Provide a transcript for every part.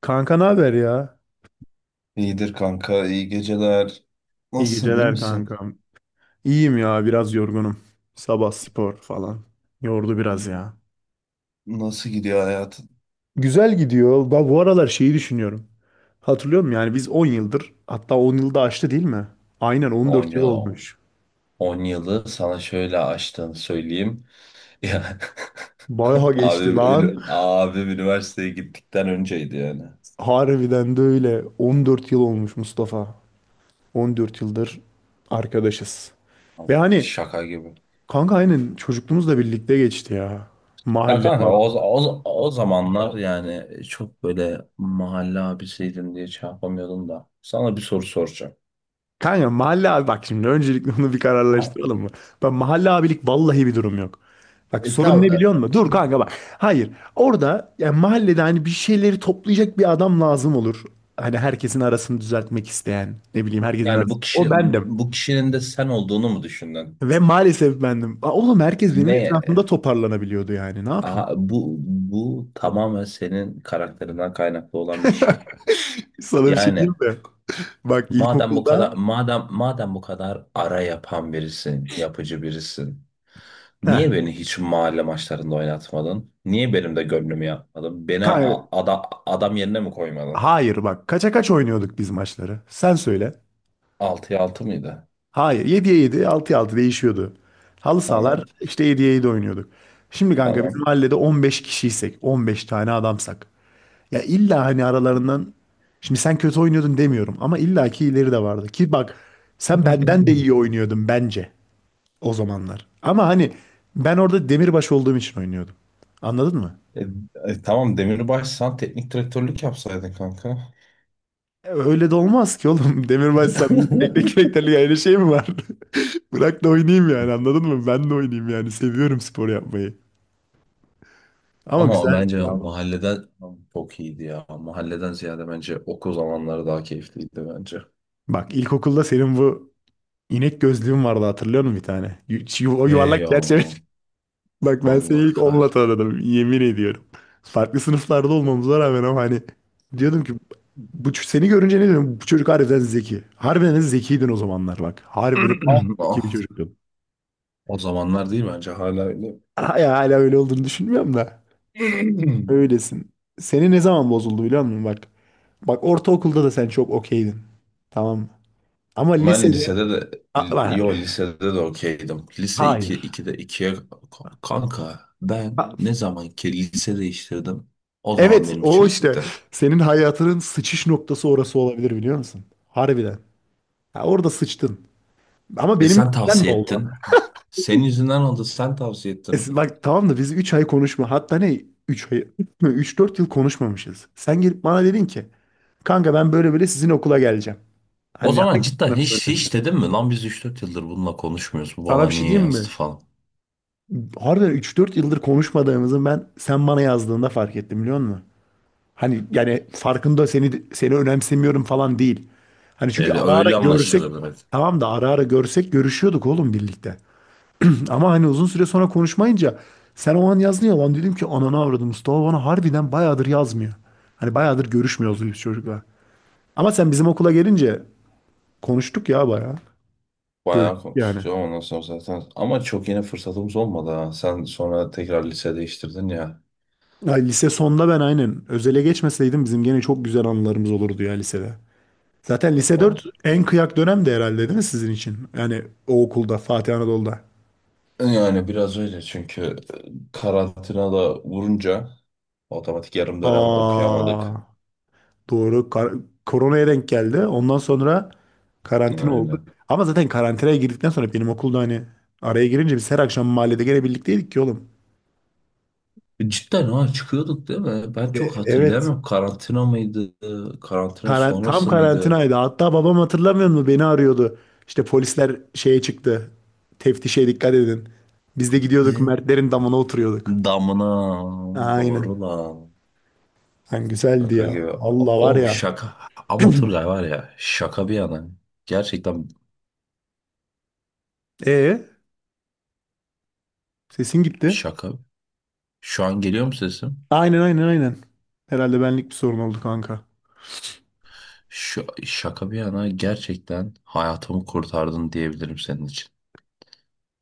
Kanka ne haber ya? İyidir kanka, iyi geceler. İyi Nasılsın, iyi geceler misin? kankam. İyiyim ya biraz yorgunum. Sabah spor falan. Yordu biraz ya. Nasıl gidiyor hayatın? Güzel gidiyor. Ben bu aralar şeyi düşünüyorum. Hatırlıyor musun? Yani biz 10 yıldır, hatta 10 yılda aştı değil mi? Aynen 10 14 yıl yıl, olmuş. on yılı sana şöyle açtığını söyleyeyim. Ya Bayağı geçti lan. abi üniversiteye gittikten önceydi yani. Harbiden de öyle. 14 yıl olmuş Mustafa. 14 yıldır arkadaşız. Ve hani Şaka gibi. kanka aynen çocukluğumuzla birlikte geçti ya. Ya Mahalle kanka falan. o zamanlar, yani çok böyle mahalle abisiydim diye şey yapamıyordum da. Sana bir soru soracağım. Kanka mahalle abi, bak şimdi öncelikle onu bir Ha. kararlaştıralım mı? Bak mahalle abilik vallahi bir durum yok. Bak E, sorun tamam. ne biliyor musun? Dur kanka bak. Hayır. Orada yani mahallede hani bir şeyleri toplayacak bir adam lazım olur. Hani herkesin arasını düzeltmek isteyen. Ne bileyim herkesin Yani arasını. O bendim. bu kişinin de sen olduğunu mu düşündün? Ve maalesef bendim. Oğlum herkes benim Ne? etrafımda toparlanabiliyordu yani. Ne yapayım? Aha, bu tamamen senin karakterinden kaynaklı olan bir şey. Sana bir şey diyeyim Yani mi? Bak madem bu kadar ilkokulda... madem madem bu kadar ara yapan birisin, yapıcı birisin. Heh, Niye beni hiç mahalle maçlarında oynatmadın? Niye benim de gönlümü yapmadın? Beni kanka, adam yerine mi koymadın? hayır bak. Kaça kaç oynuyorduk biz maçları? Sen söyle. 6'ya altı mıydı? Hayır. 7'ye 7, 6'ya 6 değişiyordu. Halı sahalar Tamam, işte 7'ye 7 oynuyorduk. Şimdi kanka bizim tamam. mahallede 15 kişiysek, 15 tane adamsak. Ya illa hani aralarından, şimdi sen kötü oynuyordun demiyorum ama illaki ileri de vardı. Ki bak sen benden de iyi oynuyordun bence o zamanlar. Ama hani ben orada demirbaş olduğum için oynuyordum. Anladın mı? E, e, tamam, Demirbaş sen teknik direktörlük yapsaydın kanka. Öyle de olmaz ki oğlum. Demirbaşsam teknik direktörlük ayrı şey mi var? Bırak da oynayayım yani anladın mı? Ben de oynayayım yani. Seviyorum spor yapmayı. Ama Ama güzeldi bence ya. mahalleden çok iyiydi ya. Mahalleden ziyade bence okul zamanları daha keyifliydi bence. Bak ilkokulda senin bu inek gözlüğün vardı hatırlıyor musun bir tane? O Hey yuvarlak ya, çerçeve. Bak ben seni Allah ilk onunla kahretsin. tanıdım yemin ediyorum. Farklı sınıflarda olmamıza rağmen ama hani diyordum ki, bu seni görünce ne diyorum, bu çocuk harbiden zeki. Harbiden de zekiydin o zamanlar bak. Harbiden zeki bir Ah, çocuktun. o zamanlar değil, bence hala öyle. Hala, hala öyle olduğunu düşünmüyorum da. Öylesin. Seni ne zaman bozuldu biliyor musun bak. Bak ortaokulda da sen çok okeydin. Tamam mı? Ama Ben lisede... lisede de bak, yo lisede de okeydim. Lise iki, hayır. 2'de ikiye kanka, ben ne zaman ki lise değiştirdim, o zaman Evet benim o için işte bitti. senin hayatının sıçış noktası orası olabilir biliyor musun? Harbiden. Ha, orada sıçtın. Ama E benim sen yüzümden mi tavsiye oldu? ettin. Senin yüzünden oldu, sen tavsiye ettin. Bak tamam da biz 3 ay konuşma. Hatta ne 3 ay, 3-4 yıl konuşmamışız. Sen gelip bana dedin ki kanka ben böyle böyle sizin okula geleceğim. O Hani zaman hangi cidden sınıf hiç öğrencisi? hiç dedim mi lan, biz üç dört yıldır bununla konuşmuyoruz. Bu Sana bana bir şey niye diyeyim yazdı mi? falan. Harbiden 3-4 yıldır konuşmadığımızı ben sen bana yazdığında fark ettim biliyor musun? Hani yani farkında seni önemsemiyorum falan değil. Hani Ee, çünkü ara ara öyle görsek duymuyorsun. anlaşılır dedi. Tamam da ara ara görsek görüşüyorduk oğlum birlikte. Ama hani uzun süre sonra konuşmayınca sen o an yazdın ya, lan dedim ki ananı avradım Mustafa bana harbiden bayağıdır yazmıyor. Hani bayağıdır görüşmüyoruz biz çocukla. Ama sen bizim okula gelince konuştuk ya bayağı. Bayağı Görüştük yani. konuştuk ondan sonra zaten. Ama çok yine fırsatımız olmadı ha. Sen sonra tekrar lise değiştirdin ya. Ay, lise sonda ben aynen özele geçmeseydim bizim gene çok güzel anılarımız olurdu ya lisede. Zaten lise Ol. 4 en kıyak dönemdi herhalde değil mi sizin için? Yani o okulda, Fatih Anadolu'da. Yani biraz öyle, çünkü karantina da vurunca otomatik yarım dönem Aa, okuyamadık. doğru. Koronaya denk geldi. Ondan sonra karantina oldu. Aynen. Ama zaten karantinaya girdikten sonra benim okulda hani araya girince biz her akşam mahallede gene birlikteydik ki oğlum. Cidden ha, çıkıyorduk değil mi? Ben çok Evet. hatırlayamıyorum. Karantina mıydı? Karantina Tam sonrası mıydı? karantinaydı. Hatta babam hatırlamıyor mu beni arıyordu. İşte polisler şeye çıktı. Teftişe dikkat edin. Biz de gidiyorduk Ne? Mertlerin damına oturuyorduk. Damına Aynen. doğru lan. Lan güzeldi Şaka ya. gibi. O Allah var oğlum, ya. şaka. Ama Turgay var ya, şaka bir yana. Gerçekten Ee sesin gitti. şaka. Şu an geliyor mu sesim? Aynen, aynen, aynen. Herhalde benlik bir sorun oldu kanka. Şaka bir yana, gerçekten hayatımı kurtardın diyebilirim senin için.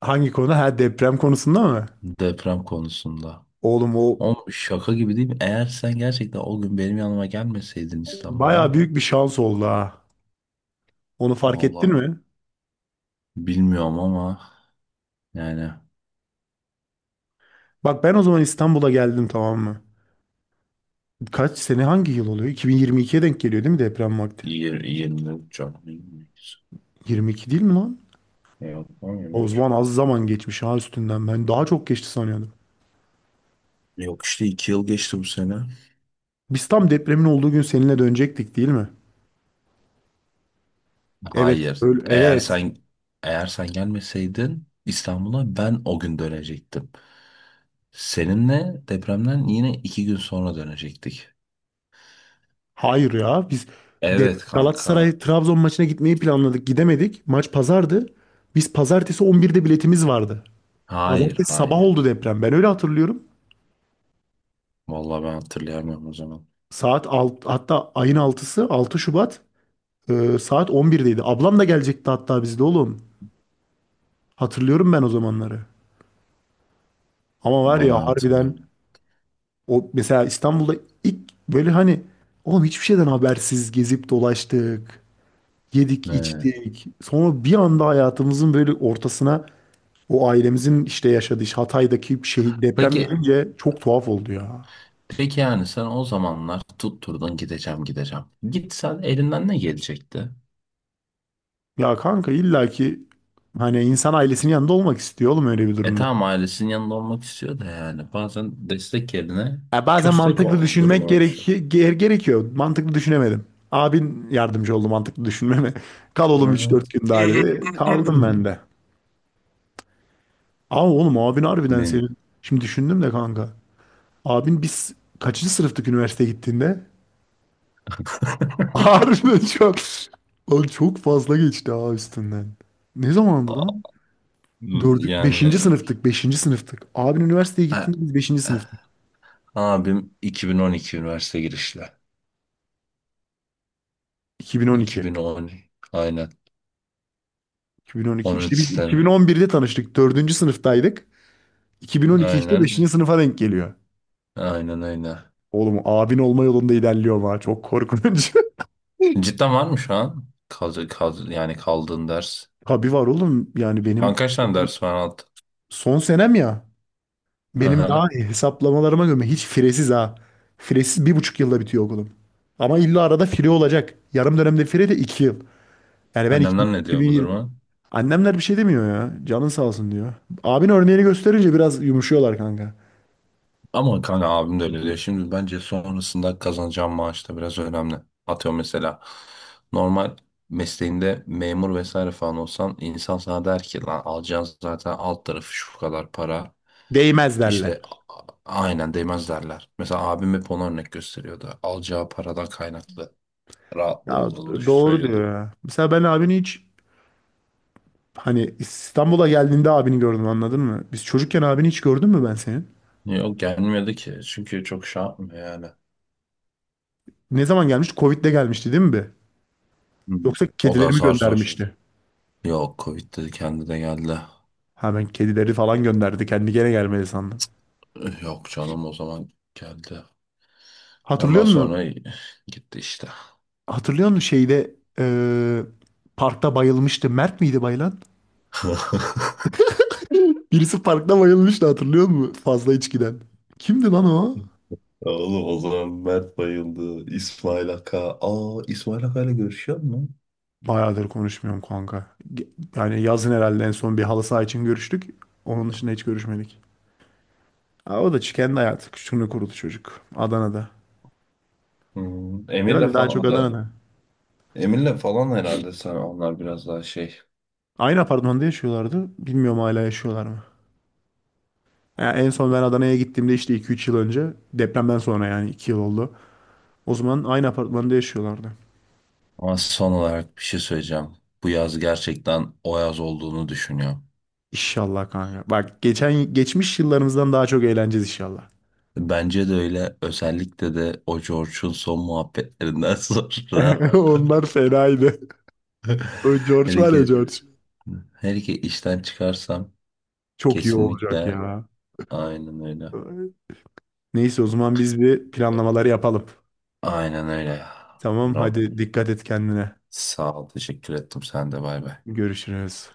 Hangi konu? Ha, deprem konusunda mı? Deprem konusunda. Oğlum o Oğlum şaka gibi değil mi? Eğer sen gerçekten o gün benim yanıma gelmeseydin İstanbul'a. baya büyük bir şans oldu ha. Onu fark ettin Valla mi? bilmiyorum ama yani Bak ben o zaman İstanbul'a geldim tamam mı? Kaç sene hangi yıl oluyor? 2022'ye denk geliyor değil mi deprem vakti? 20, 23 canlı. 22 değil mi lan? Yok, O 23. zaman az zaman geçmiş ha üstünden. Ben daha çok geçti sanıyordum. Yok işte 2 yıl geçti bu sene. Biz tam depremin olduğu gün seninle dönecektik değil mi? Evet. Hayır. Öyle, Eğer evet. sen eğer sen gelmeseydin İstanbul'a, ben o gün dönecektim. Seninle depremden yine 2 gün sonra dönecektik. Hayır ya biz de Evet kanka. Galatasaray Trabzon maçına gitmeyi planladık. Gidemedik. Maç pazardı. Biz pazartesi 11'de biletimiz vardı. Hayır, Pazartesi sabah hayır. oldu deprem. Ben öyle hatırlıyorum. Vallahi ben hatırlayamıyorum o zaman. Saat hatta ayın altısı 6 Şubat, saat 11'deydi. Ablam da gelecekti hatta bizde oğlum. Hatırlıyorum ben o zamanları. Ama var Vallahi ya ben hatırlıyorum. harbiden o mesela İstanbul'da ilk böyle hani oğlum hiçbir şeyden habersiz gezip dolaştık. Yedik, Evet. içtik. Sonra bir anda hayatımızın böyle ortasına o ailemizin işte yaşadığı işte Hatay'daki şehir deprem Peki, gelince çok tuhaf oldu ya. peki yani sen o zamanlar tutturdun gideceğim, gideceğim. Gitsen elinden ne gelecekti? Ya kanka illaki hani insan ailesinin yanında olmak istiyor oğlum öyle bir E durumda. tamam ailesinin yanında olmak istiyor da, yani bazen destek yerine Ya bazen köstek mantıklı o düşünmek duruma düşüyor. Gerekiyor. Mantıklı düşünemedim. Abin yardımcı oldu mantıklı düşünmeme. Kal oğlum üç dört Evet. gün daha dedi. Kaldım ben de. Ama oğlum abin harbiden Benim. senin. Şimdi düşündüm de kanka. Abin biz kaçıncı sınıftık üniversiteye gittiğinde? Harbiden çok. Oğlum çok fazla geçti ha üstünden. Ne zamandı Aa, lan? Beşinci yani sınıftık, beşinci sınıftık. Abin üniversiteye a- gittiğinde biz beşinci sınıftık. abim 2012 üniversite girişli. 2012. 2010, aynen. 2012. 13 İşte biz sene. 2011'de tanıştık. Dördüncü sınıftaydık. 2012 işte beşinci Aynen. sınıfa denk geliyor. Aynen, aynen. Oğlum abin olma yolunda ilerliyor ha. Çok korkunç. Cidden var mı şu an? Yani kaldığın ders. Tabii var oğlum. Yani Şu an benim kaç tane ders var alt? son senem ya. Hı Benim daha hı. iyi hesaplamalarıma göre hiç firesiz ha. Firesiz 1,5 yılda bitiyor okulum. Ama illa arada fire olacak. Yarım dönemde fire de 2 yıl. Yani ben Annemler ne diyor bu 2020. duruma? Annemler bir şey demiyor ya. Canın sağ olsun diyor. Abin örneğini gösterince biraz yumuşuyorlar kanka. Ama kanka abim de öyle diyor. Şimdi bence sonrasında kazanacağım maaş da biraz önemli. Atıyorum mesela, normal mesleğinde memur vesaire falan olsan, insan sana der ki lan, alacağın zaten alt tarafı şu kadar para. Değmez derler. İşte a- aynen değmez derler. Mesela abim hep ona örnek gösteriyordu. Alacağı paradan kaynaklı rahatlığı Ya olduğunu doğru diyor söylüyordu. ya. Mesela ben abini hiç hani İstanbul'a geldiğinde abini gördüm anladın mı? Biz çocukken abini hiç gördün mü ben senin? Yok, gelmiyordu ki çünkü çok şey yapmıyor yani. Ne zaman gelmişti? Covid'de gelmişti değil mi be? Hı. Yoksa O da kedilerimi aynen zar zor. göndermişti. Yok, Covid dedi, kendi de geldi. Ha ben kedileri falan gönderdi. Kendi gene gelmedi sandım. Yok canım, o zaman geldi. Hatırlıyor Ondan musun? sonra gitti işte. Hatırlıyor musun şeyde parkta bayılmıştı. Mert miydi bayılan? Birisi parkta bayılmıştı hatırlıyor musun? Fazla içkiden. Kimdi lan o? Ya oğlum, o zaman Mert bayıldı. İsmail Aka. Aa, İsmail Aka ile görüşüyor mu? Bayağıdır konuşmuyorum kanka. Ge- Yani yazın herhalde en son bir halı saha için görüştük. Onun dışında hiç görüşmedik. O da kendi hayatı. Şunu kurulu çocuk. Adana'da. Hmm, Emir'le Herhalde daha çok falan da. Adana'da. Emir'le falan, herhalde sen onlar biraz daha şey. Aynı apartmanda yaşıyorlardı. Bilmiyorum hala yaşıyorlar mı? Ya en son ben Adana'ya gittiğimde işte 2-3 yıl önce. Depremden sonra yani 2 yıl oldu. O zaman aynı apartmanda yaşıyorlardı. Ama son olarak bir şey söyleyeceğim. Bu yaz gerçekten o yaz olduğunu düşünüyorum. İnşallah kanka. Bak geçen geçmiş yıllarımızdan daha çok eğleneceğiz inşallah. Bence de öyle. Özellikle de o George'un son muhabbetlerinden sonra. Onlar fenaydı. O George Hele var ya ki, George. hele ki işten çıkarsam... Çok iyi olacak Kesinlikle ya. aynen öyle. Neyse o zaman biz bir planlamaları yapalım. Aynen öyle. Tamam Buram. hadi dikkat et kendine. Sağ ol. Teşekkür ettim. Sen de bay bay. Görüşürüz.